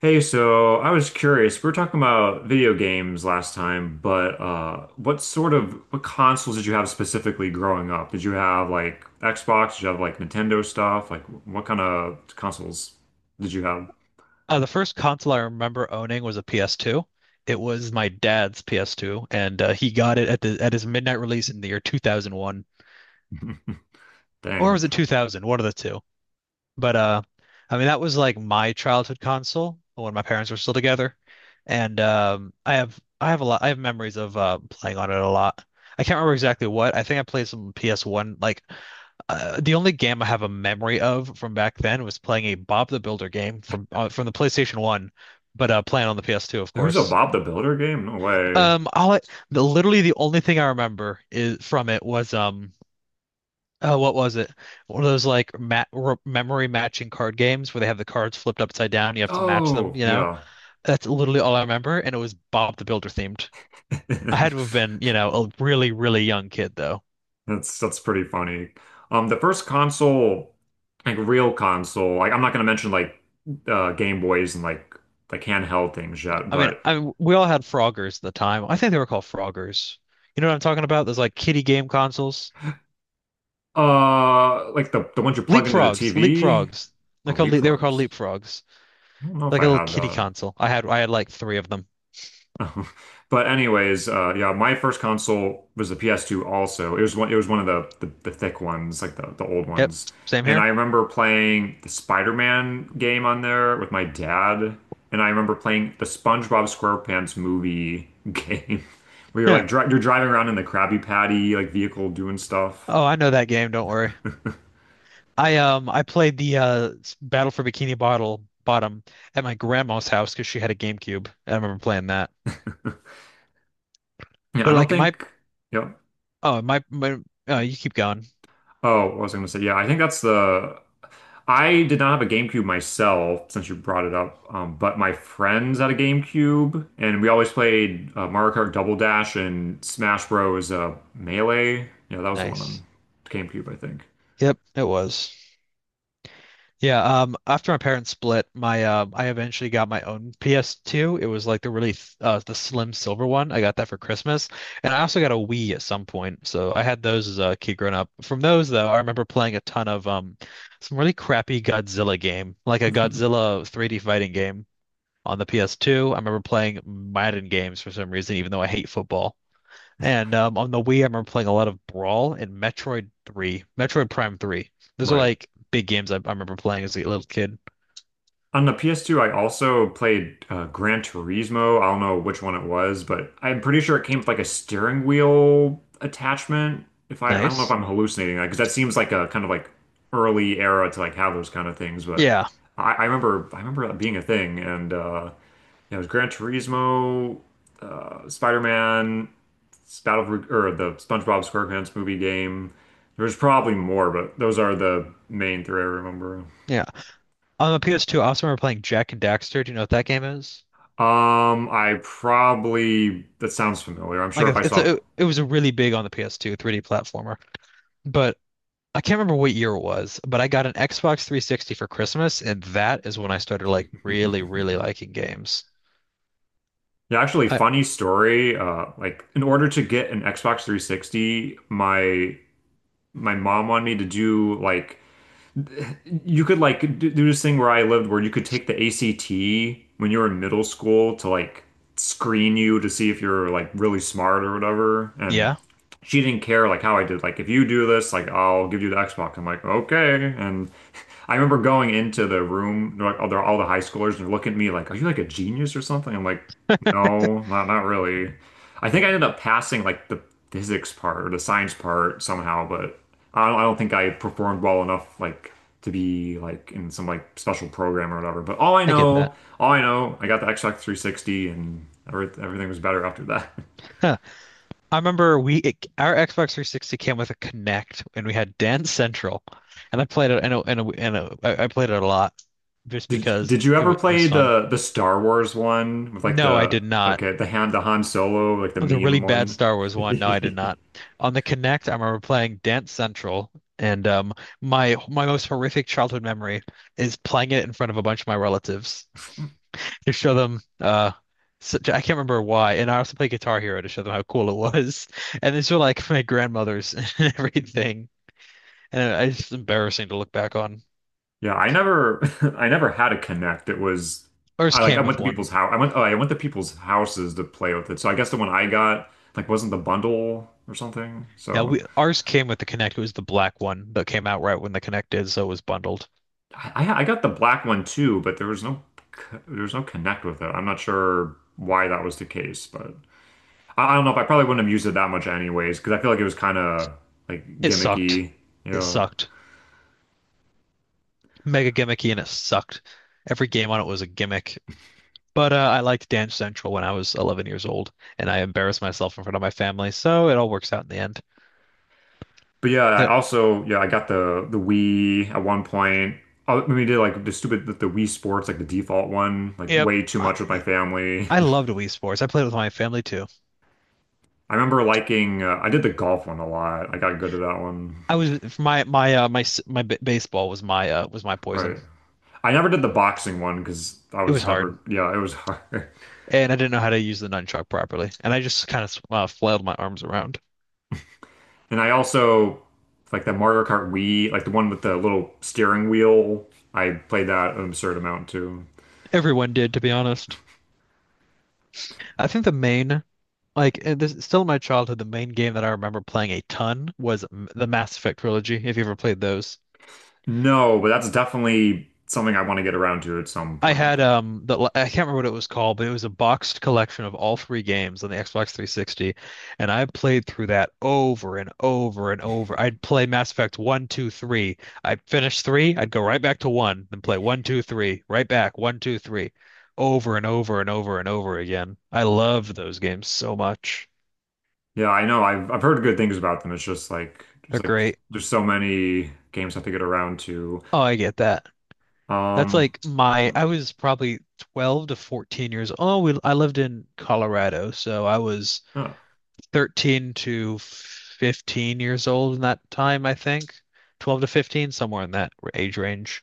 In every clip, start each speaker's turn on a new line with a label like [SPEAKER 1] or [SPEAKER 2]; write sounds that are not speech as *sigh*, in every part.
[SPEAKER 1] Hey, so I was curious. We were talking about video games last time, but what what consoles did you have specifically growing up? Did you have like Xbox? Did you have like Nintendo stuff? Like what kind of consoles did you have?
[SPEAKER 2] The first console I remember owning was a PS2. It was my dad's PS2, and he got it at the at his midnight release in the year 2001,
[SPEAKER 1] *laughs*
[SPEAKER 2] or
[SPEAKER 1] Dang,
[SPEAKER 2] was it 2000? One of the two. But I mean that was like my childhood console when my parents were still together, and I have memories of playing on it a lot. I can't remember exactly what. I think I played some PS1. Like the only game I have a memory of from back then was playing a Bob the Builder game from the PlayStation 1, but playing on the PS2, of
[SPEAKER 1] there was a
[SPEAKER 2] course.
[SPEAKER 1] Bob the Builder game? No way.
[SPEAKER 2] Um, all I, literally the only thing I remember is from it was. Oh, what was it? One of those like memory matching card games where they have the cards flipped upside down. You have to match them,
[SPEAKER 1] Oh,
[SPEAKER 2] you know?
[SPEAKER 1] yeah.
[SPEAKER 2] That's literally all I remember. And it was Bob the Builder themed. I had to have
[SPEAKER 1] *laughs*
[SPEAKER 2] been, a really, really young kid though.
[SPEAKER 1] That's pretty funny. The first console, like real console, like I'm not gonna mention like Game Boys and like handheld things yet,
[SPEAKER 2] I mean,
[SPEAKER 1] but
[SPEAKER 2] I we all had Froggers at the time. I think they were called Froggers. You know what I'm talking about? Those like kiddie game consoles.
[SPEAKER 1] Like the ones you plug into the
[SPEAKER 2] Leapfrogs,
[SPEAKER 1] TV.
[SPEAKER 2] Leapfrogs.
[SPEAKER 1] Oh,
[SPEAKER 2] They were called
[SPEAKER 1] leapfrogs.
[SPEAKER 2] Leapfrogs.
[SPEAKER 1] I don't know if
[SPEAKER 2] Like a
[SPEAKER 1] I
[SPEAKER 2] little
[SPEAKER 1] had
[SPEAKER 2] kiddie
[SPEAKER 1] that.
[SPEAKER 2] console. I had like three of them.
[SPEAKER 1] *laughs* But anyways, yeah, my first console was the PS2 also. It was one of the thick ones, like the old
[SPEAKER 2] Yep,
[SPEAKER 1] ones.
[SPEAKER 2] same
[SPEAKER 1] And I
[SPEAKER 2] here.
[SPEAKER 1] remember playing the Spider-Man game on there with my dad. And I remember playing the SpongeBob SquarePants movie *laughs* game, where you're
[SPEAKER 2] Huh.
[SPEAKER 1] like dri you're driving around in the Krabby Patty like vehicle doing stuff.
[SPEAKER 2] Oh, I know that game. Don't worry. I played the Battle for Bikini Bottle Bottom at my grandma's house because she had a GameCube. I remember playing that.
[SPEAKER 1] Yeah, I
[SPEAKER 2] But
[SPEAKER 1] don't
[SPEAKER 2] like my
[SPEAKER 1] think. Yep.
[SPEAKER 2] oh my my oh you keep going.
[SPEAKER 1] Oh, I was gonna say, yeah, I think that's the. I did not have a GameCube myself, since you brought it up, but my friends had a GameCube, and we always played Mario Kart Double Dash and Smash Bros. Melee. Yeah, that was the one
[SPEAKER 2] Nice.
[SPEAKER 1] on GameCube, I think.
[SPEAKER 2] Yep, it was. Yeah, after my parents split, my I eventually got my own PS2. It was like the slim silver one. I got that for Christmas, and I also got a Wii at some point. So I had those as a kid growing up. From those though, I remember playing a ton of some really crappy Godzilla game, like a
[SPEAKER 1] *laughs*
[SPEAKER 2] Godzilla 3D fighting game on the PS2. I remember playing Madden games for some reason, even though I hate football. And on the Wii, I remember playing a lot of Brawl and Metroid 3, Metroid Prime 3. Those are
[SPEAKER 1] Right.
[SPEAKER 2] like big games I remember playing as a little kid.
[SPEAKER 1] On the PS2, I also played Gran Turismo. I don't know which one it was, but I'm pretty sure it came with like a steering wheel attachment. If I, I don't know if
[SPEAKER 2] Nice.
[SPEAKER 1] I'm hallucinating that, because that seems like a kind of early era to like have those kind of things. But
[SPEAKER 2] Yeah.
[SPEAKER 1] I remember that being a thing, and yeah, it was Gran Turismo, Spider-Man, Battle or the SpongeBob SquarePants movie game. There's probably more, but those are the main three I remember.
[SPEAKER 2] Yeah. On the PS2, I also remember playing Jack and Daxter. Do you know what that game is?
[SPEAKER 1] I probably that sounds familiar. I'm
[SPEAKER 2] Like
[SPEAKER 1] sure if
[SPEAKER 2] a,
[SPEAKER 1] I
[SPEAKER 2] it's
[SPEAKER 1] saw,
[SPEAKER 2] a it was a really big on the PS2 3D platformer. But I can't remember what year it was, but I got an Xbox 360 for Christmas, and that is when I started like really, really liking games.
[SPEAKER 1] yeah, actually,
[SPEAKER 2] I
[SPEAKER 1] funny story. Like in order to get an Xbox 360, my mom wanted me to do like you could like do this thing where I lived where you could take the ACT when you were in middle school to like screen you to see if you're like really smart or whatever. And
[SPEAKER 2] Yeah,
[SPEAKER 1] she didn't care like how I did. Like if you do this, like I'll give you the Xbox. I'm like okay. And *laughs* I remember going into the room, they all the high schoolers, and they're looking at me like, are you like a genius or something? I'm like, no, not really. I think I ended up passing like the physics part or the science part somehow, but I don't think I performed well enough like to be like in some like special program or whatever. But
[SPEAKER 2] I get that.
[SPEAKER 1] all I know, I got the Xbox 360 and everything was better after that. *laughs*
[SPEAKER 2] *laughs* I remember our Xbox 360 came with a Connect, and we had Dance Central, and I played it. I know, and I played it a lot, just
[SPEAKER 1] Did
[SPEAKER 2] because
[SPEAKER 1] did you
[SPEAKER 2] it
[SPEAKER 1] ever
[SPEAKER 2] was, it
[SPEAKER 1] play
[SPEAKER 2] was fun.
[SPEAKER 1] the Star Wars one with like
[SPEAKER 2] No, I
[SPEAKER 1] the
[SPEAKER 2] did not.
[SPEAKER 1] okay the Han Solo like the
[SPEAKER 2] The really
[SPEAKER 1] meme
[SPEAKER 2] bad
[SPEAKER 1] one?
[SPEAKER 2] Star Wars
[SPEAKER 1] *laughs*
[SPEAKER 2] one. No, I did not. On the Connect, I remember playing Dance Central, and my most horrific childhood memory is playing it in front of a bunch of my relatives to show them. I can't remember why. And I also play Guitar Hero to show them how cool it was. *laughs* And these were like my grandmother's *laughs* and everything. It's embarrassing to look back on.
[SPEAKER 1] Yeah, I never *laughs* I never had a Connect. It was
[SPEAKER 2] Ours
[SPEAKER 1] I like I
[SPEAKER 2] came
[SPEAKER 1] went
[SPEAKER 2] with
[SPEAKER 1] to
[SPEAKER 2] one.
[SPEAKER 1] people's house. I went Oh, I went to people's houses to play with it. So I guess the one I got like wasn't the bundle or something.
[SPEAKER 2] Yeah,
[SPEAKER 1] So
[SPEAKER 2] we ours came with the Connect. It was the black one that came out right when the Connect did, so it was bundled.
[SPEAKER 1] I got the black one too, but there was no Connect with it. I'm not sure why that was the case, but I don't know if I probably wouldn't have used it that much anyways, because I feel like it was kind of like
[SPEAKER 2] It sucked.
[SPEAKER 1] gimmicky, you
[SPEAKER 2] It
[SPEAKER 1] know.
[SPEAKER 2] sucked. Mega gimmicky and it sucked. Every game on it was a gimmick. But I liked Dance Central when I was 11 years old, and I embarrassed myself in front of my family, so it all works out in the end.
[SPEAKER 1] But yeah, I
[SPEAKER 2] The,
[SPEAKER 1] also yeah I got the Wii at one point. I mean, we did like the Wii Sports like the default one like
[SPEAKER 2] yep.
[SPEAKER 1] way too much with my family.
[SPEAKER 2] I loved Wii Sports. I played with my family too.
[SPEAKER 1] *laughs* I remember liking I did the golf one a lot. I got good at that one.
[SPEAKER 2] I was my my my my b baseball was my poison.
[SPEAKER 1] Right. I never did the boxing one because I
[SPEAKER 2] It was
[SPEAKER 1] was
[SPEAKER 2] hard,
[SPEAKER 1] never yeah it was hard. *laughs*
[SPEAKER 2] and I didn't know how to use the nunchuck properly, and I just kind of flailed my arms around.
[SPEAKER 1] And I also like the Mario Kart Wii like the one with the little steering wheel. I played that an absurd amount too.
[SPEAKER 2] Everyone did, to be honest. I think the main, like this, still in my childhood, the main game that I remember playing a ton was the Mass Effect trilogy. If you ever played those.
[SPEAKER 1] No, but that's definitely something I want to get around to at some
[SPEAKER 2] I
[SPEAKER 1] point.
[SPEAKER 2] had the I can't remember what it was called, but it was a boxed collection of all three games on the Xbox 360, and I played through that over and over and over. I'd play Mass Effect one, two, three. I'd finish three, I'd go right back to one, then play one, two, three, right back, one, two, three, over and over and over and over again. I loved those games so much.
[SPEAKER 1] Yeah, I know. I've heard good things about them. It's just like
[SPEAKER 2] They're great.
[SPEAKER 1] there's so many games I have to get around to.
[SPEAKER 2] Oh, I get that. That's
[SPEAKER 1] Um,
[SPEAKER 2] like my I was probably 12 to 14 years old. Oh, I lived in Colorado, so I was
[SPEAKER 1] huh,
[SPEAKER 2] 13 to 15 years old in that time, I think. 12 to 15, somewhere in that age range.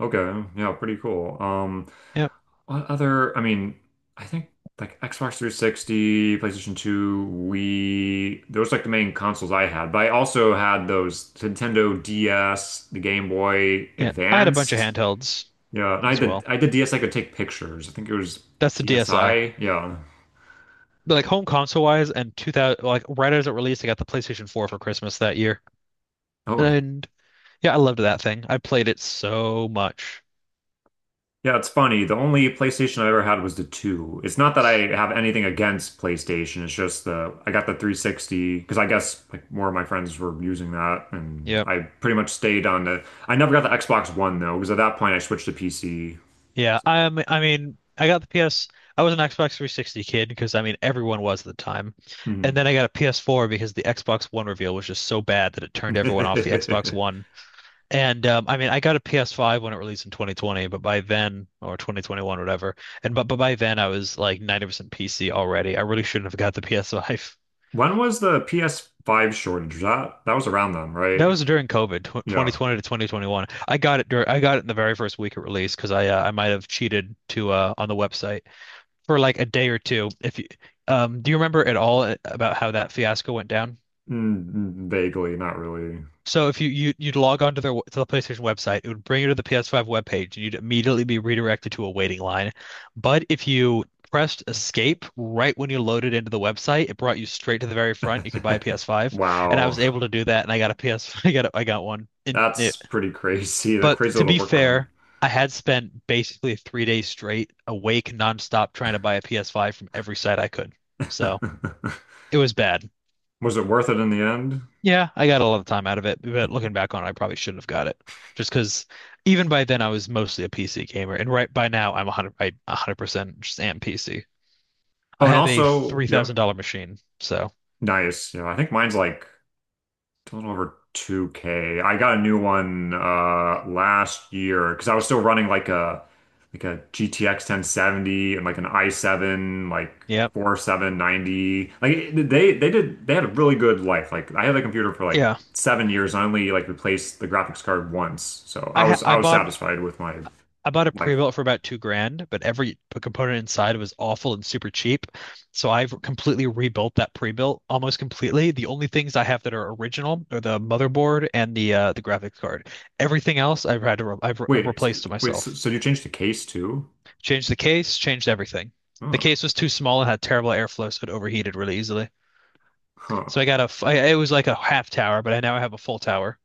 [SPEAKER 1] okay, yeah, pretty cool.
[SPEAKER 2] Yep.
[SPEAKER 1] What other? I mean, I think like Xbox 360, PlayStation 2, Wii. Those like the main consoles I had. But I also had those Nintendo DS, the Game Boy
[SPEAKER 2] Yeah. I had a bunch of
[SPEAKER 1] Advanced.
[SPEAKER 2] handhelds
[SPEAKER 1] Yeah, and
[SPEAKER 2] as well.
[SPEAKER 1] I did DSi could take pictures. I think it was
[SPEAKER 2] That's the DSi.
[SPEAKER 1] DSi. Yeah.
[SPEAKER 2] But like home console wise and 2000 like right as it released, I got the PlayStation 4 for Christmas that year.
[SPEAKER 1] Oh.
[SPEAKER 2] And yeah, I loved that thing. I played it so much.
[SPEAKER 1] Yeah, it's funny. The only PlayStation I ever had was the 2. It's not that I have anything against PlayStation. It's just the I got the 360 because I guess like more of my friends were using that and
[SPEAKER 2] Yeah.
[SPEAKER 1] I pretty much stayed on the I never got the Xbox One though because at that point I switched to PC.
[SPEAKER 2] Yeah, I mean, I got the PS. I was an Xbox 360 kid because I mean everyone was at the time, and
[SPEAKER 1] Hmm.
[SPEAKER 2] then I got a PS4 because the Xbox One reveal was just so bad that it turned everyone off the Xbox
[SPEAKER 1] *laughs*
[SPEAKER 2] One. And I mean, I got a PS5 when it released in 2020, but by then or 2021, whatever. And but by then I was like 90% PC already. I really shouldn't have got the PS5. *laughs*
[SPEAKER 1] When was the PS5 shortage? Was that that was around then, right?
[SPEAKER 2] That was during COVID, tw
[SPEAKER 1] Yeah.
[SPEAKER 2] 2020 to 2021. I got it in the very first week of release because I might have cheated to on the website for like a day or two. If you, do you remember at all about how that fiasco went down?
[SPEAKER 1] Vaguely, not really.
[SPEAKER 2] So if you, you'd log onto the PlayStation website, it would bring you to the PS5 webpage, and you'd immediately be redirected to a waiting line. But if you pressed escape right when you loaded into the website, it brought you straight to the very front. You could buy a
[SPEAKER 1] *laughs*
[SPEAKER 2] PS5, and I
[SPEAKER 1] Wow.
[SPEAKER 2] was able to do that, and I got a PS, *laughs* I got one. And
[SPEAKER 1] That's
[SPEAKER 2] it,
[SPEAKER 1] pretty crazy. *laughs* The
[SPEAKER 2] but
[SPEAKER 1] crazy
[SPEAKER 2] to
[SPEAKER 1] little
[SPEAKER 2] be
[SPEAKER 1] workaround.
[SPEAKER 2] fair, I had spent basically 3 days straight awake nonstop trying to buy a PS5 from every site I could. So. It was bad.
[SPEAKER 1] *laughs* Was it worth it in the end?
[SPEAKER 2] Yeah, I got a lot of time out of it, but looking back on it, I probably shouldn't have got it. Just because even by then I was mostly a PC gamer, and right by now I 100% just am PC.
[SPEAKER 1] Oh,
[SPEAKER 2] I
[SPEAKER 1] and
[SPEAKER 2] have a
[SPEAKER 1] also, yeah,
[SPEAKER 2] $3,000 machine, so
[SPEAKER 1] nice. Yeah, I think mine's like a little over 2K. I got a new one last year because I was still running like a GTX 1070 and like an i7 like
[SPEAKER 2] yep.
[SPEAKER 1] 4790. Like they did they had a really good life. Like I had the computer for like
[SPEAKER 2] Yeah,
[SPEAKER 1] 7 years and I only like replaced the graphics card once. So
[SPEAKER 2] I ha
[SPEAKER 1] I
[SPEAKER 2] I
[SPEAKER 1] was
[SPEAKER 2] bought
[SPEAKER 1] satisfied with my
[SPEAKER 2] I bought a
[SPEAKER 1] life.
[SPEAKER 2] pre-built for about 2 grand, but every component inside was awful and super cheap. So I've completely rebuilt that pre-built almost completely. The only things I have that are original are the motherboard and the graphics card. Everything else I've had to re I've re
[SPEAKER 1] Wait,
[SPEAKER 2] replaced to myself.
[SPEAKER 1] so you changed the case too?
[SPEAKER 2] Changed the case, changed everything. The
[SPEAKER 1] Oh,
[SPEAKER 2] case was too small and had terrible airflow, so it overheated really easily.
[SPEAKER 1] huh.
[SPEAKER 2] So I got it was like a half tower, but I now have a full tower.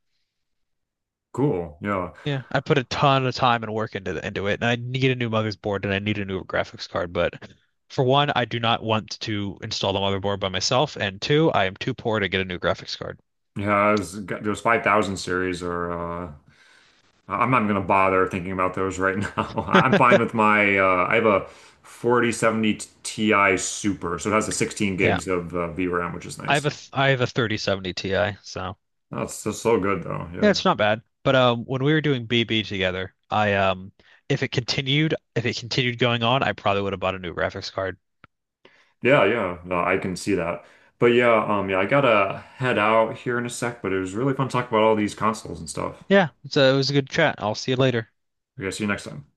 [SPEAKER 1] Cool. Yeah.
[SPEAKER 2] Yeah, I put a ton of time and work into it, and I need a new motherboard and I need a new graphics card. But for one, I do not want to install the motherboard by myself, and two, I am too poor to get a new graphics card.
[SPEAKER 1] Those 5000 series are uh I'm not going to bother thinking about those right now. *laughs* I'm fine with my, I have a 4070 Ti Super, so it has the 16
[SPEAKER 2] Yeah,
[SPEAKER 1] gigs of VRAM, which is nice.
[SPEAKER 2] I have a 3070 Ti, so
[SPEAKER 1] That's just so good though.
[SPEAKER 2] yeah,
[SPEAKER 1] Yeah.
[SPEAKER 2] it's not bad. But when we were doing BB together, I if it continued going on, I probably would have bought a new graphics card.
[SPEAKER 1] Yeah, yeah. No, I can see that. But yeah, yeah, I gotta head out here in a sec, but it was really fun talking about all these consoles and stuff.
[SPEAKER 2] Yeah, so it was a good chat. I'll see you later.
[SPEAKER 1] Okay, see you next time.